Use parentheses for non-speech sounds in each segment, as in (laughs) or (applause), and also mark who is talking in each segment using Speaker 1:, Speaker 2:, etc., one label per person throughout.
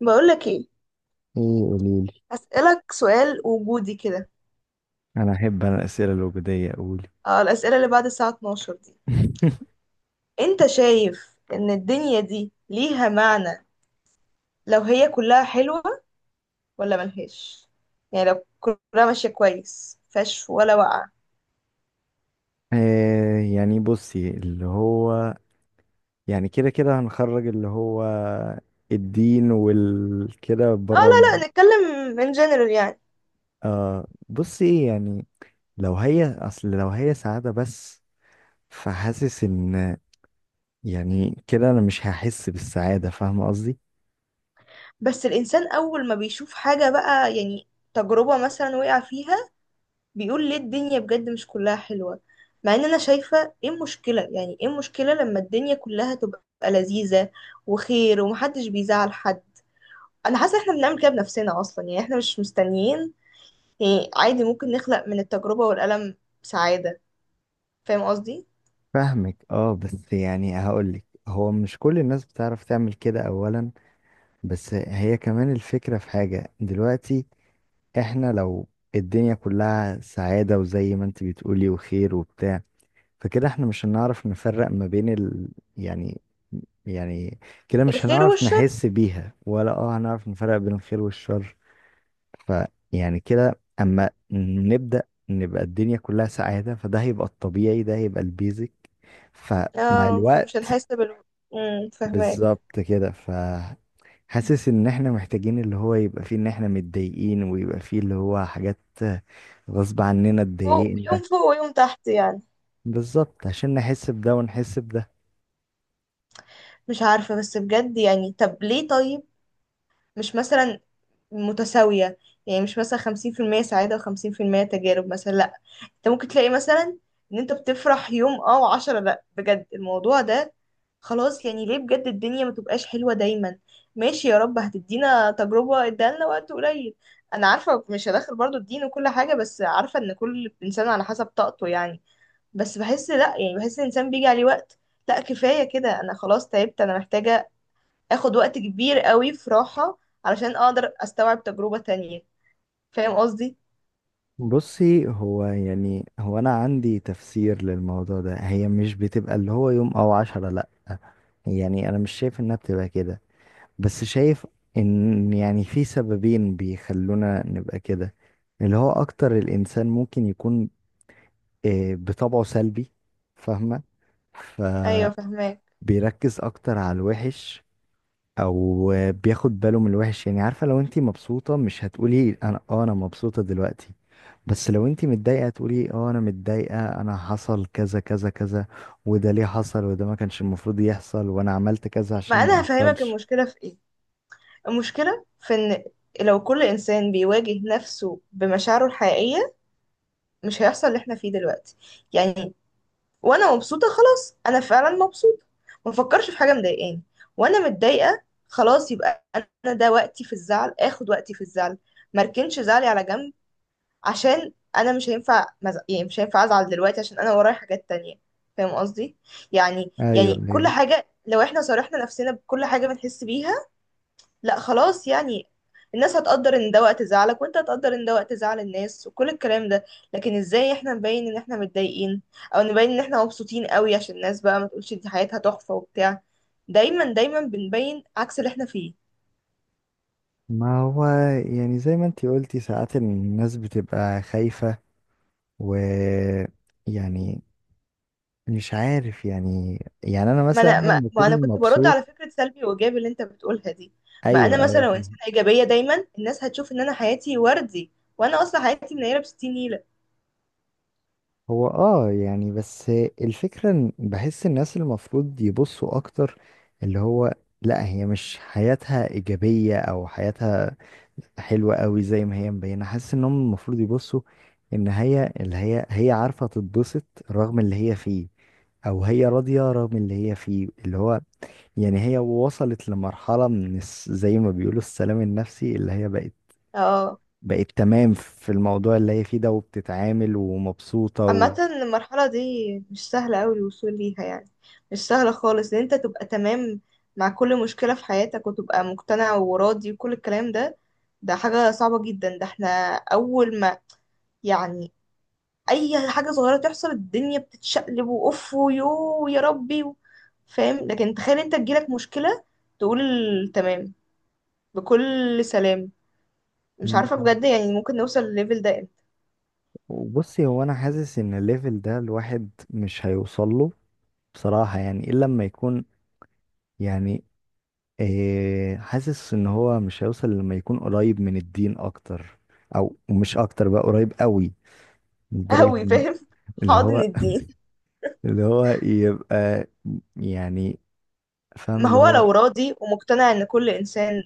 Speaker 1: بقولك ايه؟
Speaker 2: ايه، قوليلي.
Speaker 1: هسألك سؤال وجودي كده.
Speaker 2: انا احب الاسئله الوجوديه، قولي.
Speaker 1: اه، الأسئلة اللي بعد الساعة 12 دي.
Speaker 2: (laughs)
Speaker 1: انت شايف ان الدنيا دي ليها معنى لو هي كلها حلوة؟ ولا ملهاش؟ يعني لو كلها ماشية كويس مفيهاش ولا وقعة؟
Speaker 2: آه، يعني بصي اللي هو، يعني كده كده هنخرج اللي هو الدين والكده
Speaker 1: اه،
Speaker 2: بره.
Speaker 1: لا لا، نتكلم in general يعني.
Speaker 2: آه، بصي ايه يعني. لو هي سعاده بس، فحاسس ان يعني كده انا مش هحس بالسعاده، فاهمه قصدي.
Speaker 1: بس الإنسان أول ما بيشوف حاجة بقى، يعني تجربة مثلا وقع فيها، بيقول ليه الدنيا بجد مش كلها حلوة. مع ان انا شايفة ايه المشكلة؟ يعني ايه المشكلة لما الدنيا كلها تبقى لذيذة وخير ومحدش بيزعل حد؟ انا حاسة احنا بنعمل كده بنفسنا اصلا، يعني احنا مش مستنيين. يعني عادي ممكن نخلق من التجربة والألم سعادة. فاهم قصدي؟
Speaker 2: فاهمك. اه، بس يعني هقولك، هو مش كل الناس بتعرف تعمل كده اولا، بس هي كمان الفكره في حاجه دلوقتي. احنا لو الدنيا كلها سعادة، وزي ما انت بتقولي وخير وبتاع، فكده احنا مش هنعرف نفرق ما بين يعني يعني كده مش
Speaker 1: الخير
Speaker 2: هنعرف
Speaker 1: والشر.
Speaker 2: نحس بيها، ولا هنعرف نفرق بين الخير والشر. فيعني كده اما نبدأ نبقى الدنيا كلها سعادة، فده هيبقى الطبيعي، ده هيبقى البيزك. فمع
Speaker 1: اه، فمش
Speaker 2: الوقت
Speaker 1: هنحس بال فاهماك.
Speaker 2: بالظبط كده. ف حاسس ان احنا محتاجين اللي هو يبقى فيه ان احنا متضايقين، ويبقى فيه اللي هو حاجات غصب عننا اتضايقنا،
Speaker 1: يوم فوق ويوم تحت يعني.
Speaker 2: بالظبط عشان نحس بده ونحس بده.
Speaker 1: مش عارفة، بس بجد يعني، طب ليه طيب؟ مش مثلا متساوية؟ يعني مش مثلا 50% سعادة وخمسين في المية تجارب مثلا؟ لأ. انت ممكن تلاقي مثلا ان انت بتفرح يوم، اه، وعشرة لأ. بجد الموضوع ده خلاص يعني، ليه بجد الدنيا ما تبقاش حلوة دايما؟ ماشي، يا رب هتدينا تجربة ادالنا وقت قليل. انا عارفة مش هدخل برضو الدين وكل حاجة، بس عارفة ان كل انسان على حسب طاقته يعني. بس بحس، لأ يعني، بحس الانسان بيجي عليه وقت. لأ كفاية كده، انا خلاص تعبت، انا محتاجة اخد وقت كبير قوي في راحة علشان اقدر استوعب تجربة تانية. فاهم قصدي؟
Speaker 2: بصي، هو انا عندي تفسير للموضوع ده. هي مش بتبقى اللي هو يوم او 10، لا. يعني انا مش شايف انها بتبقى كده، بس شايف ان يعني في سببين بيخلونا نبقى كده. اللي هو اكتر الانسان ممكن يكون بطبعه سلبي، فاهمة؟
Speaker 1: ايوه،
Speaker 2: فبيركز
Speaker 1: فاهماك.
Speaker 2: أكتر على الوحش، أو بياخد باله من الوحش. يعني عارفة، لو انتي مبسوطة مش هتقولي أنا مبسوطة دلوقتي، بس لو انتي متضايقة تقولي آه أنا متضايقة، أنا حصل كذا كذا كذا، وده ليه حصل، وده ما كانش المفروض يحصل، وأنا عملت كذا
Speaker 1: ما
Speaker 2: عشان ما
Speaker 1: انا هفهمك
Speaker 2: يحصلش.
Speaker 1: المشكلة في ايه. المشكلة في ان لو كل انسان بيواجه نفسه بمشاعره الحقيقية مش هيحصل اللي احنا فيه دلوقتي يعني. وانا مبسوطة خلاص، انا فعلا مبسوطة، ما فكرش في حاجة مضايقاني. وانا متضايقة خلاص، يبقى انا ده وقتي في الزعل، اخد وقتي في الزعل، مركنش زعلي على جنب. عشان انا مش هينفع يعني مش هينفع ازعل دلوقتي عشان انا ورايا حاجات تانية. فاهم قصدي؟ يعني
Speaker 2: أيوه،
Speaker 1: يعني كل
Speaker 2: أيوه.
Speaker 1: حاجة لو احنا صارحنا نفسنا بكل حاجة بنحس بيها. لا خلاص يعني، الناس هتقدر ان ده وقت زعلك، وانت هتقدر ان ده وقت زعل الناس وكل الكلام ده. لكن ازاي احنا نبين ان احنا متضايقين، او نبين ان احنا مبسوطين قوي عشان الناس بقى ما تقولش دي حياتها تحفة وبتاع؟ دايما دايما بنبين عكس اللي احنا فيه.
Speaker 2: ما هو يعني زي ما انتي قلتي، ساعات الناس بتبقى خايفة، و يعني مش عارف، يعني انا
Speaker 1: ما
Speaker 2: مثلا
Speaker 1: انا ما, ما انا
Speaker 2: بكون
Speaker 1: كنت برد
Speaker 2: مبسوط.
Speaker 1: على فكره سلبي وايجابي اللي انت بتقولها دي. ما
Speaker 2: ايوه،
Speaker 1: انا مثلا
Speaker 2: ايوه،
Speaker 1: لو
Speaker 2: فاهم.
Speaker 1: انسانه ايجابيه دايما الناس هتشوف ان انا حياتي وردي، وانا اصلا حياتي منيره بستين نيله.
Speaker 2: هو يعني، بس الفكره ان بحس الناس المفروض يبصوا اكتر، اللي هو، لا هي مش حياتها ايجابيه او حياتها حلوه قوي زي ما هي مبينه. حاسس انهم المفروض يبصوا ان هي اللي هي، هي عارفه تتبسط رغم اللي هي فيه، او هي راضيه رغم اللي هي فيه. اللي هو يعني هي وصلت لمرحله من زي ما بيقولوا السلام النفسي، اللي هي بقت
Speaker 1: اه،
Speaker 2: بقت تمام في الموضوع اللي هي فيه ده، وبتتعامل ومبسوطة
Speaker 1: عامه المرحله دي مش سهله قوي الوصول ليها يعني. مش سهله خالص ان انت تبقى تمام مع كل مشكله في حياتك وتبقى مقتنع وراضي وكل الكلام ده. ده حاجه صعبه جدا. ده احنا اول ما يعني اي حاجه صغيره تحصل الدنيا بتتشقلب واوف ويو يا ربي فاهم؟ لكن تخيل انت تجيلك مشكله تقول تمام، بكل سلام. مش عارفه بجد، يعني ممكن نوصل للليفل ده امتى؟
Speaker 2: وبصي، هو انا حاسس ان الليفل ده الواحد مش هيوصل له بصراحة، يعني الا لما يكون يعني حاسس ان هو مش هيوصل لما يكون قريب من الدين اكتر، او مش اكتر بقى، قريب قوي لدرجة
Speaker 1: قوي
Speaker 2: ان
Speaker 1: فاهم (laughs)
Speaker 2: اللي
Speaker 1: حاضن
Speaker 2: هو
Speaker 1: الدين.
Speaker 2: اللي هو يبقى يعني، فاهم
Speaker 1: ما
Speaker 2: اللي
Speaker 1: هو
Speaker 2: هو.
Speaker 1: لو راضي ومقتنع ان كل انسان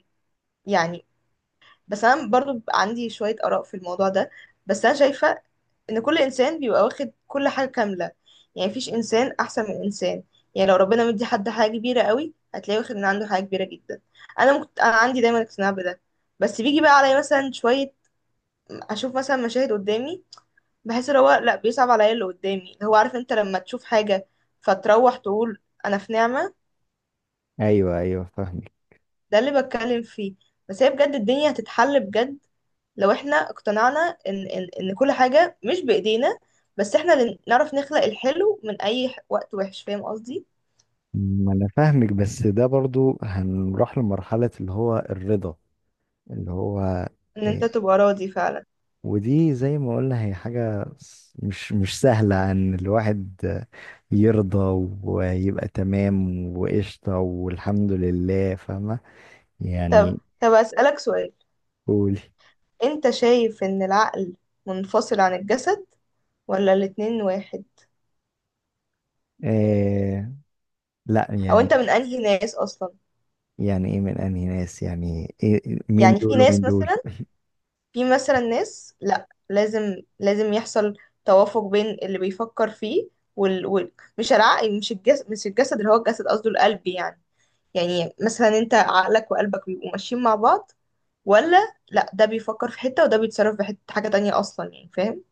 Speaker 1: يعني. بس انا برضو بيبقى عندي شوية آراء في الموضوع ده. بس انا شايفة ان كل انسان بيبقى واخد كل حاجة كاملة، يعني مفيش انسان احسن من انسان. يعني لو ربنا مدي حد حاجة كبيرة قوي هتلاقيه واخد من عنده حاجة كبيرة جدا. انا ممكن، انا عندي دايما اقتناع بده. بس بيجي بقى عليا مثلا شوية اشوف مثلا مشاهد قدامي، بحس ان هو لا بيصعب عليا اللي قدامي، اللي هو عارف انت لما تشوف حاجة فتروح تقول انا في نعمة.
Speaker 2: ايوه، ايوه، فاهمك.
Speaker 1: ده اللي بتكلم فيه. بس هي بجد الدنيا هتتحل بجد لو احنا اقتنعنا ان كل حاجة مش بإيدينا، بس احنا اللي نعرف نخلق الحلو من اي وقت وحش. فاهم قصدي؟
Speaker 2: ما انا فاهمك، بس ده برضو هنروح لمرحلة اللي هو الرضا، اللي هو
Speaker 1: ان انت
Speaker 2: إيه
Speaker 1: تبقى راضي فعلا.
Speaker 2: ودي زي ما قلنا هي حاجة مش سهلة ان الواحد يرضى ويبقى تمام وقشطة والحمد لله، فاهمة
Speaker 1: طب
Speaker 2: يعني.
Speaker 1: طب أسألك سؤال.
Speaker 2: قولي.
Speaker 1: انت شايف ان العقل منفصل عن الجسد، ولا الاتنين واحد؟
Speaker 2: إيه، لا
Speaker 1: او انت
Speaker 2: يعني،
Speaker 1: من انهي ناس اصلا؟
Speaker 2: يعني ايه من انهي ناس؟ يعني إيه مين
Speaker 1: يعني في
Speaker 2: دول
Speaker 1: ناس
Speaker 2: ومين دول؟
Speaker 1: مثلا، في مثلا ناس لا لازم يحصل توافق بين اللي بيفكر فيه وال... وال... مش العقل، مش الجسد اللي هو الجسد قصده القلب يعني. يعني مثلا انت عقلك وقلبك بيبقوا ماشيين مع بعض، ولا لا، ده بيفكر في حتة وده بيتصرف في حتة حاجة تانية أصلا يعني. فاهم؟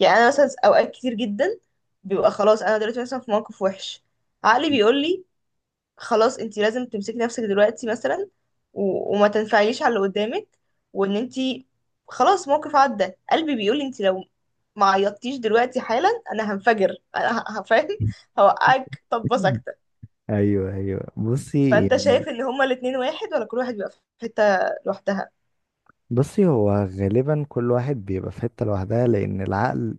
Speaker 1: يعني أنا مثلا أوقات كتير جدا بيبقى خلاص أنا دلوقتي مثلا في موقف وحش، عقلي بيقول لي خلاص انت لازم تمسكي نفسك دلوقتي مثلا وما تنفعليش على اللي قدامك وان انت خلاص موقف عدى. قلبي بيقول انت لو ما عيطتيش دلوقتي حالا انا هنفجر، انا هفهم، هوقعك طبه
Speaker 2: (laughs)
Speaker 1: ساكته.
Speaker 2: ايوه، ايوه، بصي
Speaker 1: فانت
Speaker 2: يعني.
Speaker 1: شايف ان هما الاتنين واحد، ولا كل واحد بيبقى في حته لوحدها؟
Speaker 2: هو غالبا كل واحد بيبقى في حتة لوحدها، لان العقل،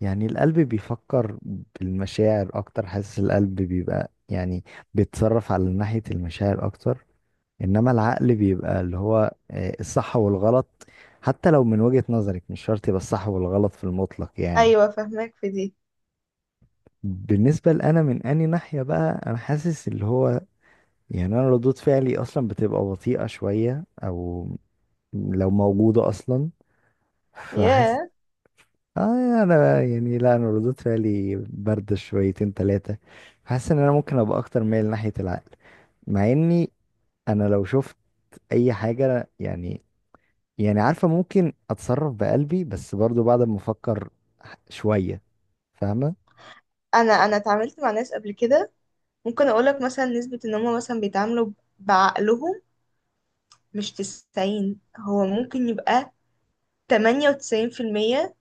Speaker 2: يعني القلب بيفكر بالمشاعر اكتر. حاسس القلب بيبقى يعني بيتصرف على ناحية المشاعر اكتر، انما العقل بيبقى اللي هو الصح والغلط، حتى لو من وجهة نظرك مش شرط يبقى الصح والغلط في المطلق يعني.
Speaker 1: ايوه فاهمك في دي.
Speaker 2: بالنسبة لأنا، من أني ناحية بقى، أنا حاسس اللي هو يعني أنا ردود فعلي أصلا بتبقى بطيئة شوية، أو لو موجودة أصلا، فحاسس
Speaker 1: ياه.
Speaker 2: اه يعني انا، يعني لا، انا ردود فعلي بارده شويتين ثلاثه. حاسس ان انا ممكن ابقى اكتر مايل ناحيه العقل، مع اني انا لو شفت اي حاجه، يعني عارفه ممكن اتصرف بقلبي، بس برضو بعد ما افكر شويه، فاهمه.
Speaker 1: انا اتعاملت مع ناس قبل كده، ممكن اقولك مثلا نسبه ان هما مثلا بيتعاملوا بعقلهم، مش 90، هو ممكن يبقى 98%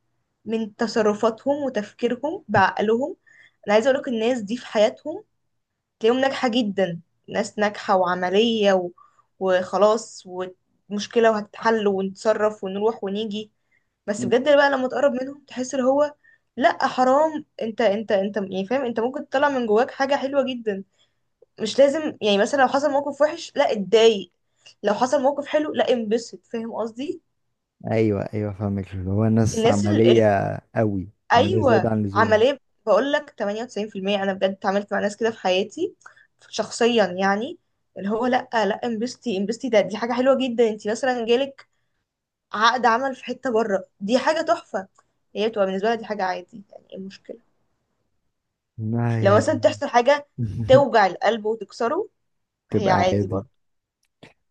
Speaker 1: من تصرفاتهم وتفكيرهم بعقلهم. انا عايزه اقولك الناس دي في حياتهم تلاقيهم ناجحه جدا، ناس ناجحه وعمليه وخلاص، ومشكله وهتتحل ونتصرف ونروح ونيجي. بس
Speaker 2: مم.
Speaker 1: بجد بقى لما تقرب منهم تحس اللي هو، لا حرام، انت يعني فاهم، انت ممكن تطلع من جواك حاجه حلوه جدا. مش لازم يعني مثلا لو حصل موقف وحش لا اتضايق، لو حصل موقف حلو لا انبسط. فاهم قصدي؟
Speaker 2: ايوه، ايوه، فاهمك، اللي هو ناس
Speaker 1: الناس،
Speaker 2: عمليه. قوي. عمليه زياده
Speaker 1: ايوه،
Speaker 2: عن اللزوم.
Speaker 1: عمليه. بقول لك 98%، انا بجد اتعاملت مع ناس كده في حياتي شخصيا يعني. اللي هو لا لا انبسطي انبسطي، ده دي حاجه حلوه جدا، انت مثلا جالك عقد عمل في حته بره دي حاجه تحفه. هي بتبقى بالنسبه لها دي حاجه عادي، يعني ايه المشكله؟
Speaker 2: آه
Speaker 1: لو مثلا
Speaker 2: يعني.
Speaker 1: تحصل حاجه
Speaker 2: (laughs)
Speaker 1: توجع القلب وتكسره، هي
Speaker 2: تبقى
Speaker 1: عادي
Speaker 2: عادي.
Speaker 1: برضه،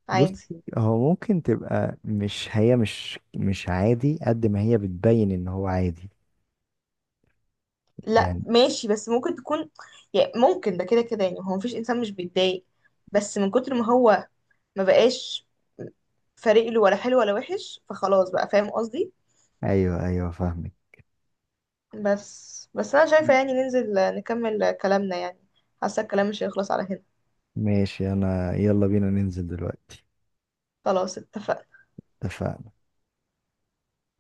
Speaker 1: عادي.
Speaker 2: بصي، هو ممكن تبقى مش هي، مش عادي قد ما هي بتبين ان هو عادي
Speaker 1: لا
Speaker 2: يعني.
Speaker 1: ماشي، بس ممكن تكون، يعني ممكن ده كده كده يعني، هو مفيش انسان مش بيتضايق، بس من كتر ما هو ما بقاش فارق له ولا حلو ولا وحش فخلاص بقى. فاهم قصدي؟
Speaker 2: ايوه، ايوه، فاهمك.
Speaker 1: بس انا شايفة يعني ننزل نكمل كلامنا يعني، حاسة الكلام مش هيخلص على هنا.
Speaker 2: ماشي، انا يلا بينا ننزل دلوقتي.
Speaker 1: خلاص اتفقنا.
Speaker 2: اتفقنا.